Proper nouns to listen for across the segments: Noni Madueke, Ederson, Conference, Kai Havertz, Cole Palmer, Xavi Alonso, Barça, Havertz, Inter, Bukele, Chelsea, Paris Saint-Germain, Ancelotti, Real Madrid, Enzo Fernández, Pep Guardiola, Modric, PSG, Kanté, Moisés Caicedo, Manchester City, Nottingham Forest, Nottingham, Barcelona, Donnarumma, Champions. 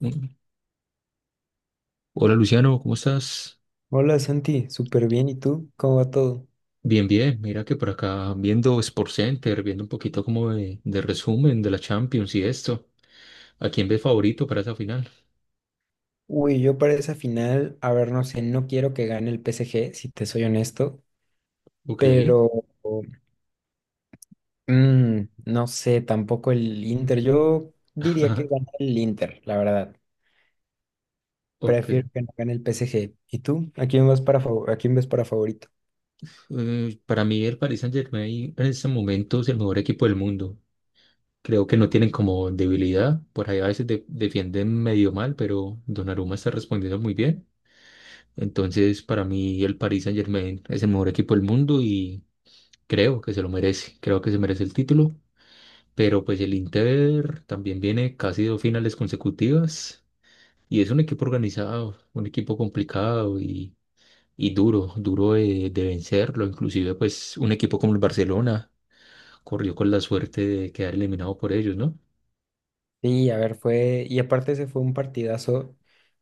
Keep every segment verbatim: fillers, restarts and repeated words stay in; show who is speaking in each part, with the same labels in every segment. Speaker 1: Mm. Hola Luciano, ¿cómo estás?
Speaker 2: Hola Santi, súper bien. ¿Y tú? ¿Cómo va todo?
Speaker 1: Bien, bien. Mira que por acá viendo Sport Center, viendo un poquito como de, de resumen de la Champions y esto. ¿A quién ves favorito para esa final?
Speaker 2: Uy, yo para esa final, a ver, no sé, no quiero que gane el P S G, si te soy honesto,
Speaker 1: Ok,
Speaker 2: pero mm, no sé, tampoco el Inter. Yo diría que gana el Inter, la verdad.
Speaker 1: ok.
Speaker 2: Prefiero que no gane el P S G. ¿Y tú? ¿A quién vas para fav- a quién ves para favorito?
Speaker 1: Eh, para mí el Paris Saint-Germain en este momento es el mejor equipo del mundo. Creo que no tienen como debilidad. Por ahí a veces de- defienden medio mal, pero Donnarumma está respondiendo muy bien. Entonces, para mí el Paris Saint-Germain es el mejor equipo del mundo y creo que se lo merece. Creo que se merece el título. Pero pues el Inter también viene casi dos finales consecutivas y es un equipo organizado, un equipo complicado y, y duro, duro de, de vencerlo. Inclusive pues un equipo como el Barcelona corrió con la suerte de quedar eliminado por ellos, ¿no?
Speaker 2: Sí, a ver, fue, y aparte ese fue un partidazo,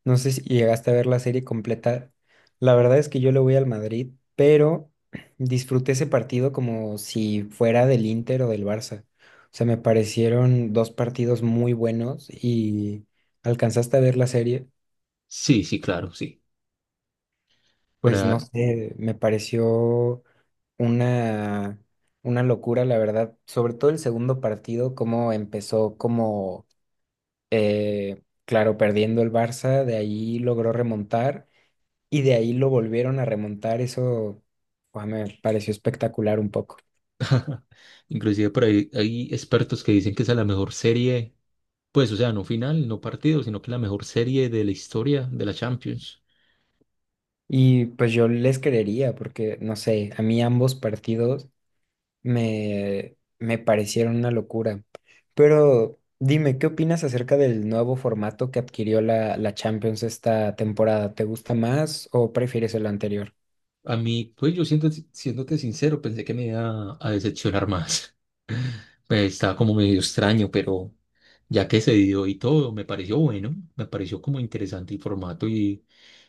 Speaker 2: no sé si llegaste a ver la serie completa, la verdad es que yo le voy al Madrid, pero disfruté ese partido como si fuera del Inter o del Barça, o sea, me parecieron dos partidos muy buenos y alcanzaste a ver la serie,
Speaker 1: Sí, sí, claro, sí.
Speaker 2: pues no
Speaker 1: Para,
Speaker 2: sé, me pareció una, una locura, la verdad, sobre todo el segundo partido, cómo empezó, como Eh, claro, perdiendo el Barça, de ahí logró remontar y de ahí lo volvieron a remontar. Eso, guau, me pareció espectacular un poco.
Speaker 1: inclusive por ahí hay expertos que dicen que esa es la mejor serie, pues o sea, no final, no partido, sino que la mejor serie de la historia de la Champions.
Speaker 2: Y pues yo les creería porque, no sé, a mí ambos partidos me, me parecieron una locura. Pero dime, ¿qué opinas acerca del nuevo formato que adquirió la, la Champions esta temporada? ¿Te gusta más o prefieres el anterior?
Speaker 1: A mí, pues yo siento, siéndote sincero, pensé que me iba a a decepcionar más. Pues estaba como medio extraño, pero ya que se dio y todo, me pareció bueno, me pareció como interesante el formato y,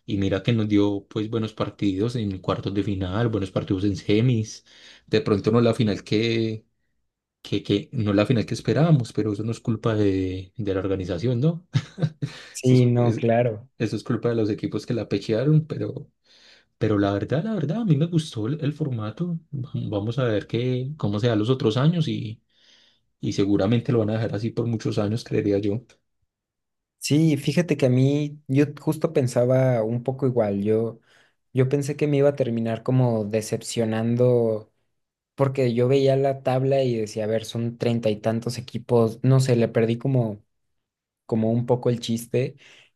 Speaker 1: y mira que nos dio pues buenos partidos en cuartos de final, buenos partidos en semis, de pronto no la final que, que, que no la final que esperábamos, pero eso no es culpa de, de la organización, ¿no? Eso
Speaker 2: Sí,
Speaker 1: es,
Speaker 2: no,
Speaker 1: es-
Speaker 2: claro.
Speaker 1: Eso es culpa de los equipos que la pechearon, pero, pero la verdad, la verdad, a mí me gustó el, el formato. Vamos a ver qué, cómo se da los otros años y seguramente lo van a dejar así por muchos años, creería yo.
Speaker 2: Sí, fíjate que a mí, yo justo pensaba un poco igual, yo, yo pensé que me iba a terminar como decepcionando, porque yo veía la tabla y decía, a ver, son treinta y tantos equipos, no sé, le perdí como como un poco el chiste,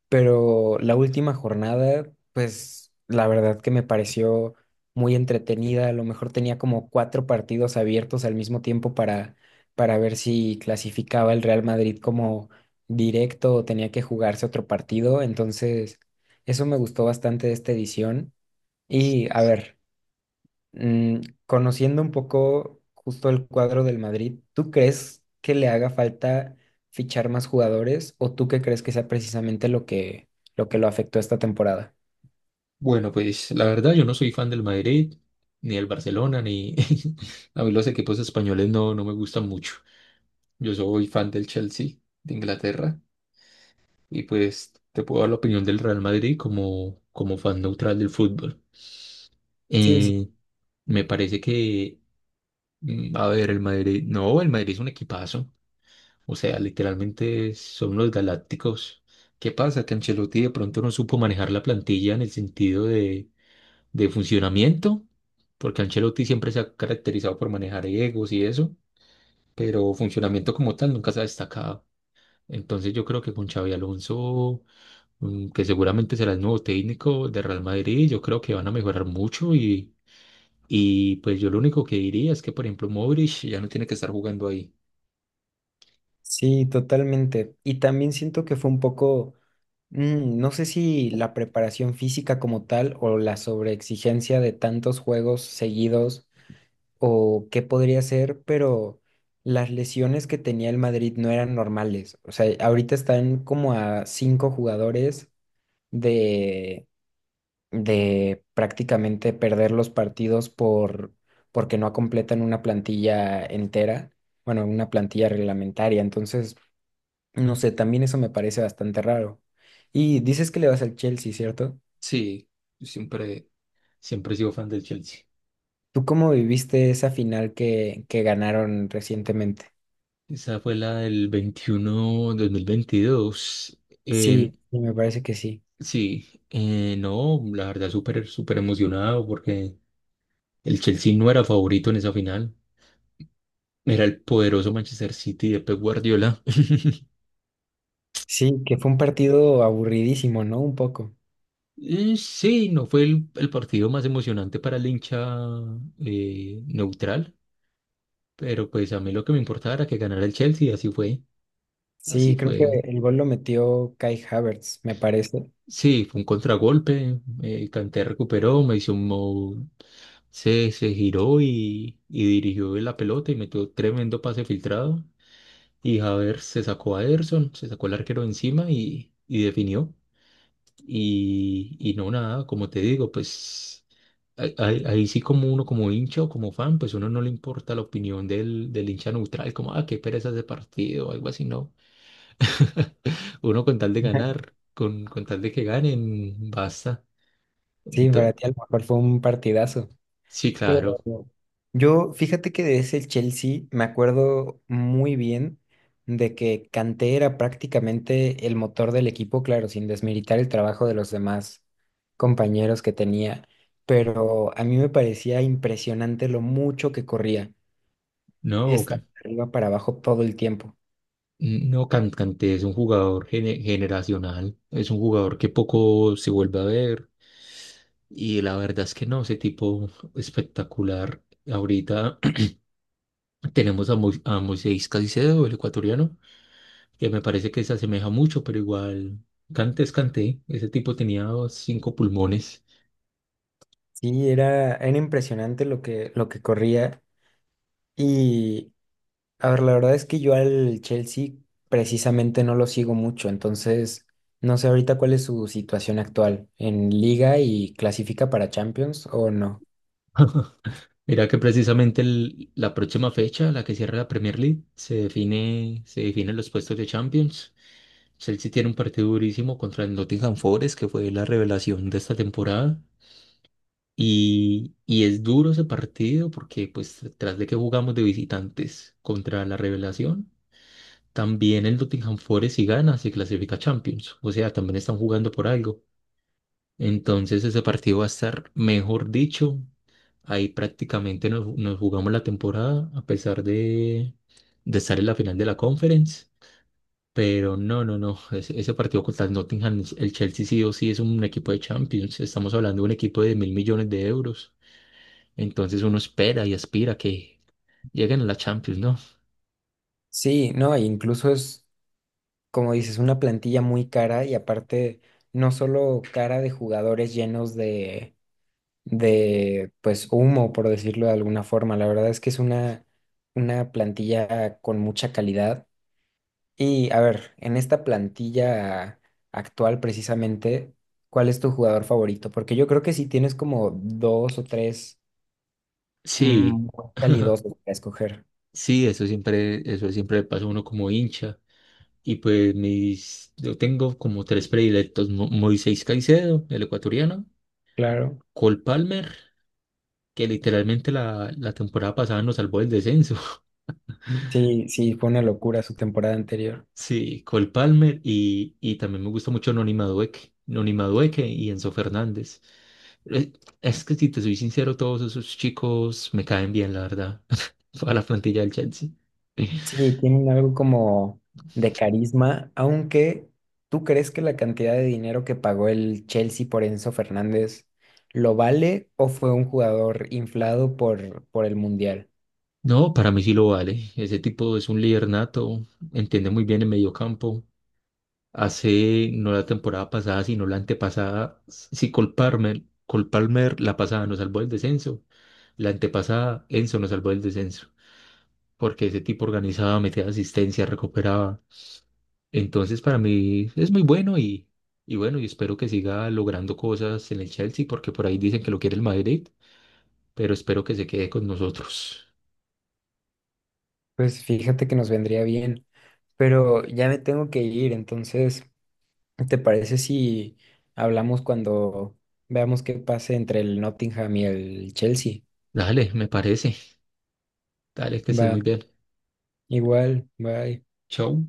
Speaker 2: pero la última jornada, pues la verdad que me pareció muy entretenida. A lo mejor tenía como cuatro partidos abiertos al mismo tiempo para, para ver si clasificaba el Real Madrid como directo o tenía que jugarse otro partido. Entonces, eso me gustó bastante de esta edición. Y a ver. Mm, conociendo un poco justo el cuadro del Madrid, ¿tú crees que le haga falta fichar más jugadores o tú qué crees que sea precisamente lo que lo que lo afectó esta temporada?
Speaker 1: Bueno, pues la verdad yo no soy fan del Madrid, ni del Barcelona, ni a mí los equipos españoles no, no me gustan mucho. Yo soy fan del Chelsea de Inglaterra y pues te puedo dar la opinión del Real Madrid como, como fan neutral del fútbol.
Speaker 2: Sí, sí,
Speaker 1: Eh, me parece que, mm, a ver, el Madrid, no, el Madrid es un equipazo. O sea, literalmente son los galácticos. ¿Qué pasa? Que Ancelotti de pronto no supo manejar la plantilla en el sentido de, de funcionamiento, porque Ancelotti siempre se ha caracterizado por manejar egos y eso, pero funcionamiento como tal nunca se ha destacado. Entonces yo creo que con Xavi Alonso, mm, que seguramente será el nuevo técnico de Real Madrid, yo creo que van a mejorar mucho y, y pues yo lo único que diría es que, por ejemplo, Modric ya no tiene que estar jugando ahí.
Speaker 2: sí, totalmente. Y también siento que fue un poco, mm, no sé si la preparación física como tal o la sobreexigencia de tantos juegos seguidos o qué podría ser, pero las lesiones que tenía el Madrid no eran normales. O sea, ahorita están como a cinco jugadores de, de prácticamente perder los partidos por, porque no completan una plantilla entera, bueno, una plantilla reglamentaria. Entonces, no sé, también eso me parece bastante raro. Y dices que le vas al Chelsea, ¿cierto?
Speaker 1: Sí, yo siempre, siempre he sido fan del Chelsea.
Speaker 2: ¿Tú cómo viviste esa final que, que ganaron recientemente?
Speaker 1: Esa fue la del veintiuno dos mil veintidós. Eh,
Speaker 2: Sí, sí, me parece que sí.
Speaker 1: sí, eh, no, la verdad súper, súper emocionado porque el Chelsea no era favorito en esa final. Era el poderoso Manchester City de Pep Guardiola.
Speaker 2: Sí, que fue un partido aburridísimo, ¿no? Un poco.
Speaker 1: Eh, Sí, no fue el, el partido más emocionante para el hincha eh, neutral, pero pues a mí lo que me importaba era que ganara el Chelsea, así fue,
Speaker 2: Sí,
Speaker 1: así
Speaker 2: creo que
Speaker 1: fue.
Speaker 2: el gol lo metió Kai Havertz, me parece.
Speaker 1: Sí, fue un contragolpe, eh, Kanté recuperó, me hizo. Se, se giró y, y dirigió la pelota y metió tremendo pase filtrado. Y Havertz se sacó a Ederson, se sacó el arquero encima y, y definió. Y, y no nada, como te digo, pues ahí, ahí- ahí sí como uno como hincha o como fan, pues uno no le importa la opinión del, del hincha neutral, como, ah, qué pereza ese partido o algo así, no. Uno con tal de ganar, con, con tal de que ganen, basta.
Speaker 2: Sí,
Speaker 1: Ento-
Speaker 2: para ti a lo mejor fue un partidazo.
Speaker 1: sí,
Speaker 2: Pero
Speaker 1: claro.
Speaker 2: yo, fíjate que de ese Chelsea me acuerdo muy bien de que Kanté era prácticamente el motor del equipo, claro, sin desmeritar el trabajo de los demás compañeros que tenía. Pero a mí me parecía impresionante lo mucho que corría.
Speaker 1: No,
Speaker 2: Estaba de arriba para abajo todo el tiempo.
Speaker 1: no, Can- Kanté es un jugador gene- generacional, es un jugador que poco se vuelve a ver y la verdad es que no, ese tipo espectacular. Ahorita tenemos a, Mo- a Moisés Caicedo, el ecuatoriano, que me parece que se asemeja mucho, pero igual Kanté es Kanté, ese tipo tenía cinco pulmones.
Speaker 2: Sí, era, era impresionante lo que, lo que corría. Y, a ver, la verdad es que yo al Chelsea precisamente no lo sigo mucho, entonces no sé ahorita cuál es su situación actual en liga y clasifica para Champions o no.
Speaker 1: Mira que precisamente el- la próxima fecha, la que cierra la Premier League, se define, se definen los puestos de Champions. Chelsea tiene un partido durísimo contra el Nottingham Forest, que fue la revelación de esta temporada. Y, y es duro ese partido porque, pues, tras de que jugamos de visitantes contra la revelación, también el Nottingham Forest, si gana, se clasifica a Champions. O sea, también están jugando por algo. Entonces, ese partido va a estar, mejor dicho, ahí prácticamente nos, nos jugamos la temporada, a pesar de, de estar en la final de la Conference. Pero no, no, no. Ese, ese partido contra el Nottingham, el Chelsea sí o sí es un equipo de Champions. Estamos hablando de un equipo de mil millones de euros. Entonces uno espera y aspira que lleguen a la Champions, ¿no?
Speaker 2: Sí, no, e incluso es, como dices, una plantilla muy cara y aparte no solo cara de jugadores llenos de, de, pues, humo, por decirlo de alguna forma. La verdad es que es una, una plantilla con mucha calidad. Y a ver, en esta plantilla actual precisamente, ¿cuál es tu jugador favorito? Porque yo creo que sí tienes como dos o tres mm,
Speaker 1: Sí,
Speaker 2: muy calidosos para escoger.
Speaker 1: sí, eso siempre, eso siempre le pasa a uno como hincha. Y pues mis, yo tengo como tres predilectos, Mo- Moisés Caicedo, el ecuatoriano,
Speaker 2: Claro.
Speaker 1: Cole Palmer, que literalmente la, la temporada pasada nos salvó del descenso.
Speaker 2: Sí, sí, fue una locura su temporada anterior.
Speaker 1: Sí, Cole Palmer y, y también me gusta mucho Noni Madueke, Noni Madueke y Enzo Fernández. Eh, Es que si te soy sincero, todos esos chicos me caen bien, la verdad, a la plantilla del Chelsea.
Speaker 2: Sí, tienen algo como de carisma, aunque ¿tú crees que la cantidad de dinero que pagó el Chelsea por Enzo Fernández lo vale o fue un jugador inflado por, por el Mundial?
Speaker 1: No, para mí sí lo vale. Ese tipo es un líder nato, entiende muy bien el mediocampo. Hace, no la temporada pasada, sino la antepasada, si Cole Palmer, Cole Palmer la pasada nos salvó del descenso, la antepasada Enzo nos salvó del descenso, porque ese tipo organizaba, metía asistencia, recuperaba. Entonces, para mí es muy bueno y, y bueno, y espero que siga logrando cosas en el Chelsea, porque por ahí dicen que lo quiere el Madrid, pero espero que se quede con nosotros.
Speaker 2: Pues fíjate que nos vendría bien. Pero ya me tengo que ir, entonces, ¿te parece si hablamos cuando veamos qué pase entre el Nottingham y el Chelsea?
Speaker 1: Dale, me parece. Dale, que estés
Speaker 2: Va,
Speaker 1: muy bien.
Speaker 2: igual, bye.
Speaker 1: Chao.